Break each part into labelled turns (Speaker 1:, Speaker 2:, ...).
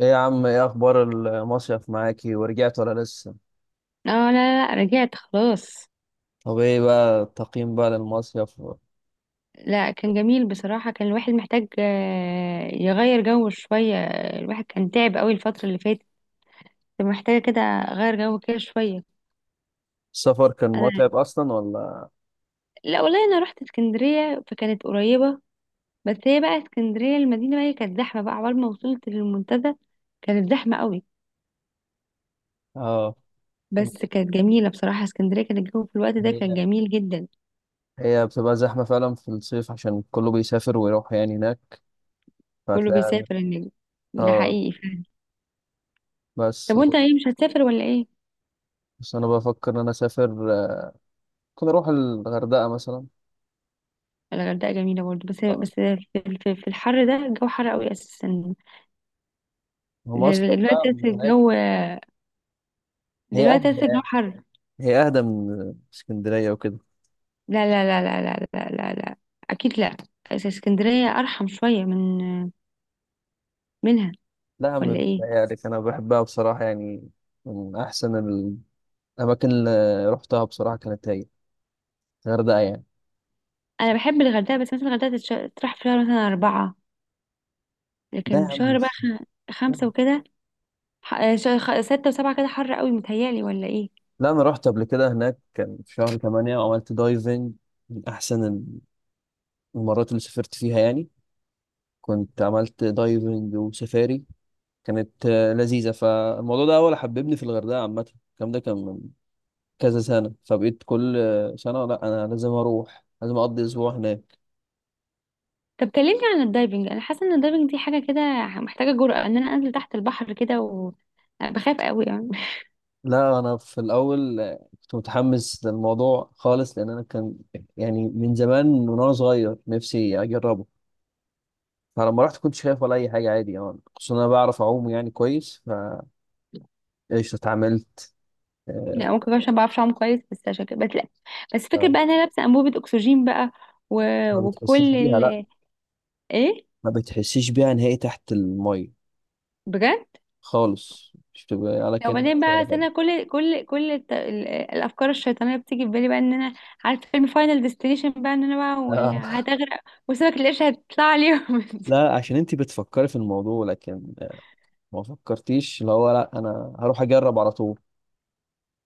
Speaker 1: ايه يا عم، ايه اخبار المصيف معاكي؟ ورجعت ولا لسه؟
Speaker 2: اه، لا لا لا، رجعت خلاص.
Speaker 1: طب ايه بقى التقييم بقى للمصيف؟
Speaker 2: لا، كان جميل بصراحة. كان الواحد محتاج يغير جو شوية. الواحد كان تعب قوي الفترة اللي فاتت. محتاجة كده أغير جو كده شوية.
Speaker 1: السفر كان
Speaker 2: أنا
Speaker 1: متعب اصلا ولا؟
Speaker 2: لا والله، أنا رحت اسكندرية فكانت قريبة. بس هي بقى اسكندرية المدينة بقى، هي كانت زحمة بقى عقبال ما وصلت للمنتزه. كانت زحمة قوي.
Speaker 1: اه.
Speaker 2: بس كانت جميلة بصراحة، اسكندرية كان الجو في الوقت ده كان
Speaker 1: هي
Speaker 2: جميل جدا.
Speaker 1: بتبقى زحمة فعلا في الصيف، عشان كله بيسافر ويروح يعني هناك،
Speaker 2: كله
Speaker 1: فهتلاقي.
Speaker 2: بيسافر النجم، ده
Speaker 1: اه.
Speaker 2: حقيقي فعلا.
Speaker 1: بس
Speaker 2: طب وانت ايه، مش هتسافر ولا ايه؟
Speaker 1: بس انا بفكر ان انا اسافر، ممكن اروح الغردقة مثلا.
Speaker 2: الغردقة جميلة برضو، بس
Speaker 1: آه.
Speaker 2: بس في الحر ده الجو حر قوي أساسا.
Speaker 1: هو مصيف بقى
Speaker 2: دلوقتي
Speaker 1: من
Speaker 2: أساسا
Speaker 1: هناك.
Speaker 2: الجو،
Speaker 1: هي
Speaker 2: دلوقتي
Speaker 1: اهدى.
Speaker 2: أساسا الجو حر.
Speaker 1: اهدى من اسكندرية وكده.
Speaker 2: لا لا لا لا لا لا لا, لا. أكيد لا. اسكندرية أرحم شوية من منها،
Speaker 1: لا يا عم،
Speaker 2: ولا إيه؟
Speaker 1: بتهيألك، انا بحبها بصراحة يعني. من احسن الأماكن اللي رحتها بصراحة كانت هي الغردقة يعني.
Speaker 2: أنا بحب الغردقة، بس مثلا الغردقة تروح في شهر مثلا أربعة،
Speaker 1: لا
Speaker 2: لكن
Speaker 1: يا
Speaker 2: في
Speaker 1: عم
Speaker 2: شهر بقى
Speaker 1: مش-
Speaker 2: خمسة وكده. ستة وسبعة كده حر قوي متهيألي، ولا إيه؟
Speaker 1: لا، أنا رحت قبل كده هناك، كان في شهر 8 وعملت دايفنج. من أحسن المرات اللي سافرت فيها يعني. كنت عملت دايفنج وسفاري، كانت لذيذة. فالموضوع ده هو اللي حببني في الغردقة عامة. الكلام ده كان من كذا سنة، فبقيت كل سنة، لا أنا لازم أروح، لازم أقضي أسبوع هناك.
Speaker 2: طب كلمني عن الدايفنج. أنا حاسة إن الدايفنج دي حاجة كده محتاجة جرأة، إن أنا أنزل تحت البحر كده و... بخاف قوي.
Speaker 1: لا انا في الاول كنت متحمس للموضوع خالص، لان انا كان يعني من زمان، وانا صغير نفسي اجربه. فلما رحت كنت شايف ولا اي حاجه، عادي يعني، خصوصا انا بعرف اعوم يعني كويس. فايش اتعاملت. آه،
Speaker 2: لا، ممكن بقى عشان ما بعرفش اعوم كويس، بس عشان كده بس. لا، بس فكرة
Speaker 1: آه،
Speaker 2: بقى ان انا لابسه انبوبه اكسجين بقى و...
Speaker 1: ما بتحسيش
Speaker 2: وكل
Speaker 1: بيها لا.
Speaker 2: ال... ايه؟
Speaker 1: ما بتحسيش بيها نهائي تحت الميه
Speaker 2: بجد؟
Speaker 1: خالص، مش بتبقى على كان
Speaker 2: وبعدين
Speaker 1: مش
Speaker 2: بقى،
Speaker 1: شايله
Speaker 2: أصل
Speaker 1: حاجه.
Speaker 2: انا كل الافكار الشيطانيه بتيجي في بالي بقى، ان انا عارفه فيلم فاينل ديستنيشن بقى، ان انا بقى
Speaker 1: آه،
Speaker 2: هتغرق، وسمك القرش هتطلع عليهم
Speaker 1: لا عشان انت بتفكري في الموضوع، لكن ما فكرتيش اللي هو لا انا هروح اجرب على طول.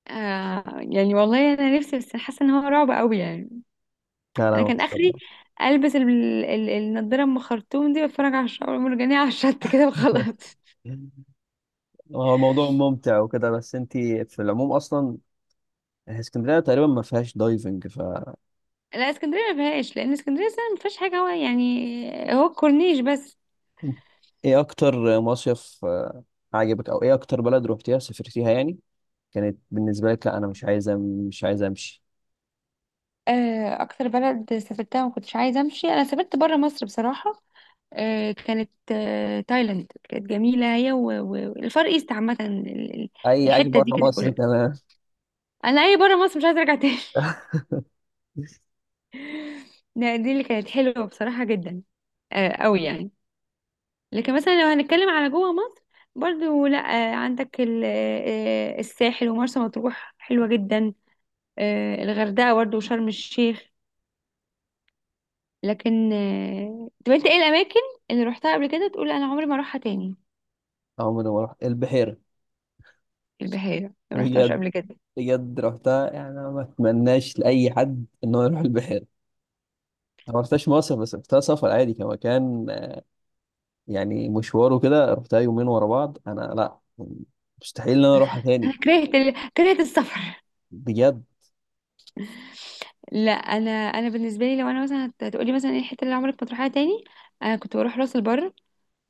Speaker 2: آه، يعني والله انا نفسي، بس حاسه ان هو رعب قوي يعني.
Speaker 1: لا لا،
Speaker 2: انا
Speaker 1: ما
Speaker 2: كان اخري
Speaker 1: فكرتش.
Speaker 2: البس النضاره ام خرطوم دي، واتفرج على الشعب المرجانيه على الشط كده وخلاص.
Speaker 1: هو الموضوع ممتع وكده، بس انت في العموم اصلا اسكندريه تقريبا ما فيهاش دايفنج ف.
Speaker 2: لا، اسكندريه ما فيهاش، لان اسكندريه اصلا ما فيهاش حاجه، هو يعني هو الكورنيش بس.
Speaker 1: ايه اكتر مصيف عجبك؟ او ايه اكتر بلد روحتيها سافرتيها يعني كانت بالنسبه لك، لا انا مش عايزه مش عايزه امشي؟
Speaker 2: اكتر بلد سافرتها وما كنتش عايزه امشي، انا سافرت بره مصر بصراحه. كانت تايلاند كانت جميله، هي والفار ايست عامه. ال-
Speaker 1: اي اي،
Speaker 2: الحته دي
Speaker 1: بره
Speaker 2: كانت
Speaker 1: مصر،
Speaker 2: كلها،
Speaker 1: تمام.
Speaker 2: انا اي بره مصر مش عايزه ارجع تاني دي اللي كانت حلوه بصراحه، جدا قوي يعني. لكن مثلا لو هنتكلم على جوه مصر، برضو لا، عندك الساحل ومرسى مطروح حلوه جدا. الغردقة برضه وشرم الشيخ. لكن طب انت ايه الأماكن اللي روحتها قبل كده تقول أنا عمري ما أروحها تاني؟
Speaker 1: عمري ما رحت البحيره.
Speaker 2: البحيرة ما روحتهاش
Speaker 1: بجد؟
Speaker 2: قبل كده.
Speaker 1: بجد رحتها يعني، أنا ما اتمناش لاي حد ان هو يروح البحيره. أنا ما رحتهاش مصيف، بس رحتها سفر عادي كمكان يعني، مشواره كده، رحتها يومين ورا بعض. انا لا، مستحيل ان انا اروحها
Speaker 2: أنا
Speaker 1: تاني.
Speaker 2: كرهت كرهت السفر
Speaker 1: بجد.
Speaker 2: لا أنا، أنا بالنسبة لي لو أنا مثلا هتقولي مثلا ايه الحتة اللي عمرك ما تروحها تاني، أنا كنت بروح راس البر.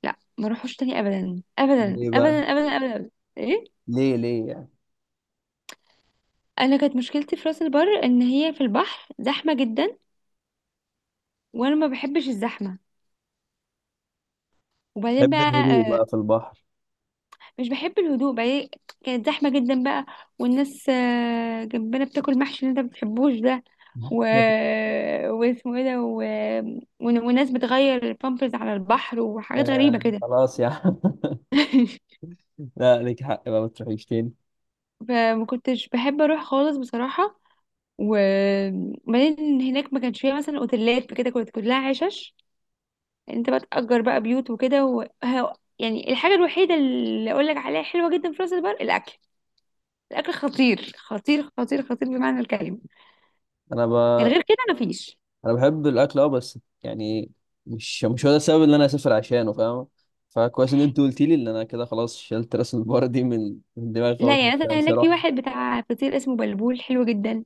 Speaker 2: لا ما اروحوش تاني أبدا أبدا
Speaker 1: ليه بقى؟
Speaker 2: أبدا أبدا أبدا, أبداً. ايه،
Speaker 1: ليه؟ يعني؟
Speaker 2: أنا كانت مشكلتي في راس البر إن هي في البحر زحمة جدا، وأنا ما بحبش الزحمة، وبعدين بقى
Speaker 1: بحب الهدوء بقى في البحر؟
Speaker 2: مش بحب الهدوء بقى إيه، كانت زحمة جدا بقى. والناس جنبنا بتاكل محشي اللي انت بتحبوش ده و... واسمه ايه ده و... وناس بتغير البامبرز على البحر وحاجات غريبة كده
Speaker 1: خلاص يا عم. لا ليك حق بقى ما تروحيش تاني.
Speaker 2: فما كنتش بحب اروح خالص بصراحة. وبعدين هناك ما كانش فيها مثلا اوتيلات كده، كانت كلها عشش. انت بقى تأجر بقى بيوت وكده و... يعني الحاجة الوحيدة اللي اقول لك عليها حلوة جدا في راس البر الاكل. الاكل خطير خطير خطير خطير بمعنى الكلمة.
Speaker 1: انا ب...
Speaker 2: من غير كده مفيش.
Speaker 1: انا بحب الاكل اه، بس يعني مش هو ده السبب اللي انا اسافر عشانه، فاهم؟ فكويس ان انت قلت لي، ان انا كده خلاص شلت راس البار دي من دماغي خالص،
Speaker 2: لا
Speaker 1: مش
Speaker 2: يعني مثلا هناك في
Speaker 1: هروح.
Speaker 2: واحد بتاع فطير اسمه بلبول، حلو جدا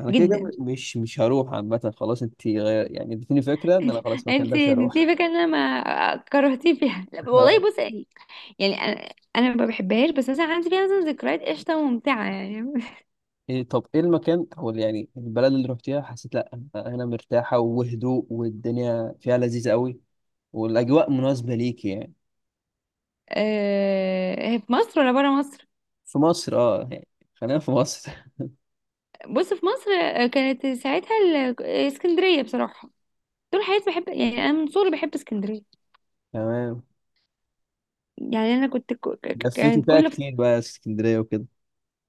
Speaker 1: انا كده كده
Speaker 2: جدا
Speaker 1: مش هروح عامه خلاص. انت غير يعني، اديتيني فكره ان انا خلاص المكان
Speaker 2: انت
Speaker 1: ده مش هروح.
Speaker 2: سيبك، انا ما كرهتيه فيها، لا
Speaker 1: اه.
Speaker 2: والله بص يعني، انا ما بحبهاش، بس مثلا عندي فيها مثلا ذكريات قشطه وممتعه يعني
Speaker 1: إيه؟ طب ايه المكان او يعني البلد اللي رحتيها حسيت لا أنا هنا مرتاحة، وهدوء، والدنيا فيها لذيذة قوي، والاجواء مناسبة ليكي يعني؟
Speaker 2: هي في مصر ولا بره مصر؟
Speaker 1: في مصر اه يعني. خلينا في مصر.
Speaker 2: بص، في مصر كانت ساعتها اسكندريه بصراحه، طول حياتي بحب، يعني انا من صغري بحب اسكندريه.
Speaker 1: تمام.
Speaker 2: يعني انا كنت
Speaker 1: لفيتي
Speaker 2: كانت
Speaker 1: فيها كتير بقى اسكندرية وكده.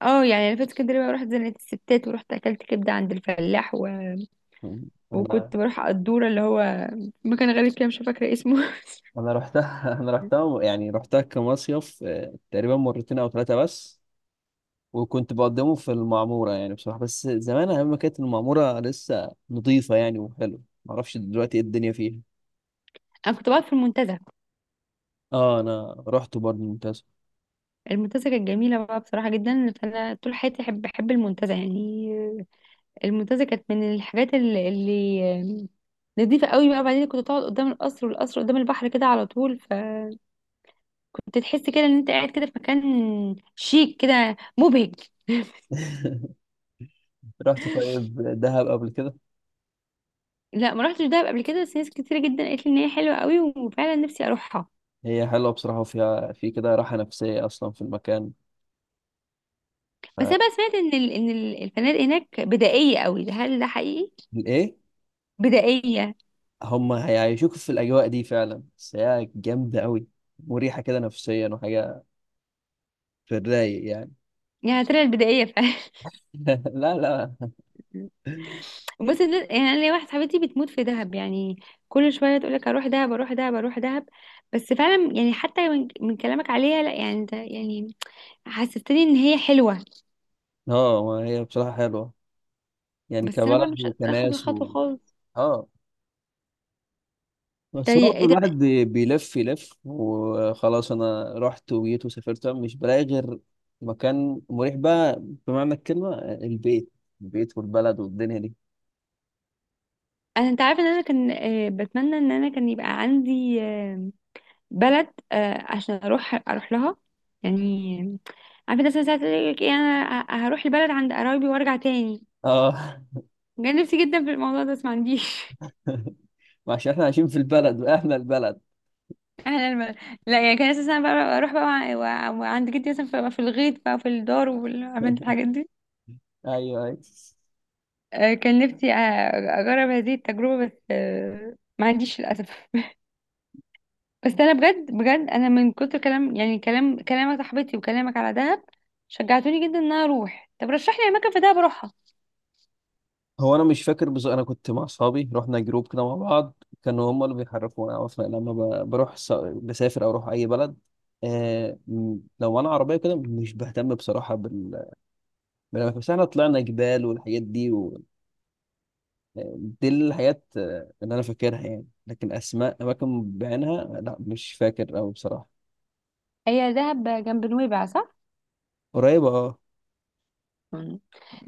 Speaker 2: اه، يعني انا في اسكندريه بقى رحت زنقه الستات، ورحت اكلت كبده عند الفلاح.
Speaker 1: انا
Speaker 2: وكنت بروح على الدورة، اللي هو مكان غريب كده مش فاكرة اسمه
Speaker 1: رحتها. انا رحتها يعني، رحتها كمصيف تقريبا مرتين او ثلاثة بس. وكنت بقدمه في المعمورة يعني بصراحة، بس زمان أيام ما كانت المعمورة لسه نظيفة يعني وحلوة، معرفش دلوقتي ايه الدنيا فيها.
Speaker 2: انا كنت بقعد في المنتزه،
Speaker 1: اه، انا رحت برضه، ممتاز.
Speaker 2: المنتزه كانت جميله بقى بصراحه جدا، فانا طول حياتي احب المنتزه يعني. المنتزه كانت من الحاجات اللي نضيفه قوي بقى. بعدين كنت تقعد قدام القصر، والقصر قدام البحر كده على طول، فكنت تحس كده ان انت قاعد كده في مكان شيك كده، مبهج.
Speaker 1: رحت طيب دهب قبل كده؟
Speaker 2: لا ما رحتش دهب قبل كده، بس ناس كتير جدا قالت لي ان هي حلوه قوي، وفعلا نفسي اروحها.
Speaker 1: هي حلوه بصراحه، وفيها في كده راحه نفسيه اصلا في المكان.
Speaker 2: بس انا بقى سمعت ان الفنادق هناك بدائيه قوي، هل ده حقيقي؟
Speaker 1: فالايه.
Speaker 2: بدائية.
Speaker 1: هم هيعيشوك في الاجواء دي فعلا، بس هي جامده قوي، مريحه كده نفسيا وحاجه، في الرايق يعني.
Speaker 2: يعني طلعت بدائية فعلا؟
Speaker 1: لا لا.
Speaker 2: بص الناس- يعني انا ليا واحده صاحبتي بتموت في دهب يعني، كل شويه تقول لك اروح دهب اروح دهب اروح دهب. بس فعلا يعني، حتى من كلامك عليها، لا يعني، ده يعني حسستني ان هي حلوه.
Speaker 1: اه، ما هي بصراحه حلوه، يعني
Speaker 2: بس انا برضه
Speaker 1: كبلد
Speaker 2: مش قادرة اخد
Speaker 1: وكناس و...
Speaker 2: الخطوه خالص.
Speaker 1: اه، بس
Speaker 2: طيب
Speaker 1: برضه
Speaker 2: إيه ده؟
Speaker 1: الواحد بيلف يلف، وخلاص انا رحت وجيت وسافرت مش بلاقي غير مكان مريح بقى، بمعنى الكلمة البيت، والبلد والدنيا دي.
Speaker 2: انا انت عارفه ان انا كان بتمنى ان انا كان يبقى عندي بلد عشان اروح لها يعني، عارفه الناس ساعات تقول لك ايه، انا هروح البلد عند قرايبي وارجع تاني.
Speaker 1: اه.
Speaker 2: كان نفسي جدا في الموضوع ده، بس ما عنديش
Speaker 1: عشان احنا عايشين في البلد واهل البلد.
Speaker 2: انا لما، لا يعني كان اساسا بقى اروح بقى وعند جدي مثلا في في الغيط بقى في الدار، وعملت الحاجات دي.
Speaker 1: ايوه، ايوه.
Speaker 2: كان نفسي اجرب هذه التجربه، بس ما عنديش للاسف بس انا بجد بجد، انا من كتر كلام يعني كلام صاحبتي وكلامك على دهب، شجعتوني جدا ان انا اروح. طب رشح لي اماكن في دهب اروحها.
Speaker 1: هو انا مش فاكر، بس انا كنت مع اصحابي، رحنا جروب كده مع بعض، كانوا هم اللي بيحركونا، عرفنا لما بروح بسافر او اروح اي بلد لو انا عربيه كده مش بهتم بصراحه بال... ما لما فسحنا طلعنا جبال والحاجات دي و... دي الحاجات اللي انا فاكرها يعني. لكن اسماء اماكن بعينها لا مش فاكر أوي بصراحه.
Speaker 2: هي دهب جنب نويبع صح؟
Speaker 1: قريبه اه.
Speaker 2: مم.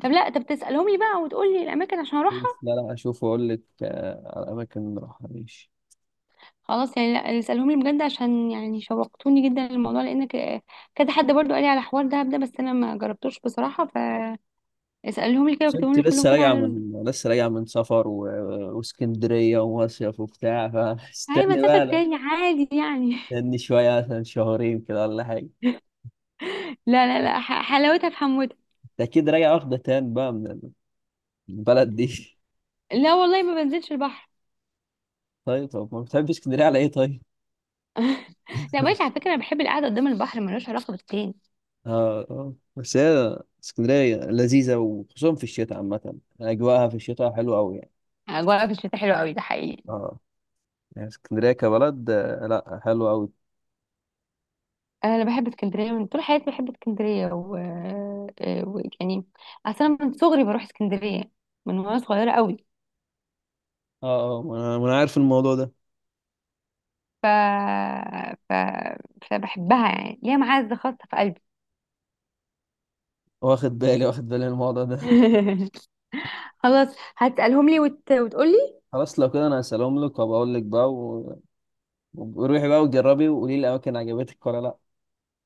Speaker 2: طب لا طب تسالهم لي بقى وتقول لي الاماكن عشان اروحها.
Speaker 1: بس لا لا، اشوف واقول لك على اماكن راحه، ماشي.
Speaker 2: خلاص يعني، لا اسألهم لي بجد، عشان يعني شوقتوني جدا للموضوع، لان كذا حد برضو قال لي على حوار دهب ده، بس انا ما جربتوش بصراحة. فاسألهم لي كده،
Speaker 1: بس
Speaker 2: واكتبهم
Speaker 1: انت
Speaker 2: لي كلهم
Speaker 1: لسه
Speaker 2: كده
Speaker 1: راجعه
Speaker 2: على
Speaker 1: من، لسه راجعه من سفر و... واسكندريه ومصيف وبتاع،
Speaker 2: هاي
Speaker 1: فاستني
Speaker 2: مسافة
Speaker 1: بقى لا.
Speaker 2: تاني عادي يعني.
Speaker 1: استني شويه، مثلا شهرين كده ولا حاجه.
Speaker 2: لا لا لا، حلاوتها في حموتها.
Speaker 1: انت اكيد راجع واخده تان بقى من البلد دي.
Speaker 2: لا والله، ما بنزلش البحر.
Speaker 1: طيب. طب ما بتحبش اسكندريه على ايه طيب؟
Speaker 2: لا ماشي، على فكرة انا بحب القعدة قدام البحر، ملوش علاقة بالتاني.
Speaker 1: اه. آه. بس هي اسكندرية لذيذة، وخصوصا في الشتاء عامة أجواءها في الشتاء حلوة أوي يعني.
Speaker 2: اجواء في الشتاء حلوة قوي، ده حقيقي.
Speaker 1: اه. يعني اسكندرية كبلد، لا حلوة أوي.
Speaker 2: انا بحب اسكندرية من طول حياتي، بحب اسكندرية و... يعني اصلا من صغري بروح اسكندرية، من وانا صغيرة قوي.
Speaker 1: اه، اه، ما أنا عارف الموضوع ده.
Speaker 2: ف... ف... فبحبها يعني، ليها معزة خاصة في قلبي.
Speaker 1: واخد بالي من الموضوع ده.
Speaker 2: خلاص، هتسألهم لي وتقولي.
Speaker 1: خلاص لو كده أنا هسلم لك وبقول لك بقى و... وروحي بقى وجربي وقولي لي الأماكن عجبتك ولا لا.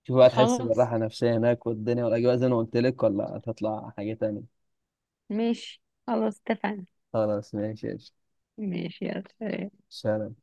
Speaker 1: شوفي بقى تحس
Speaker 2: خلاص
Speaker 1: بالراحة النفسية هناك والدنيا والأجواء زي ما قلت لك، ولا هتطلع حاجة تانية.
Speaker 2: ماشي، خلاص اتفقنا.
Speaker 1: خلاص ماشي يا شيخ.
Speaker 2: ماشي يلا سلام.
Speaker 1: سلام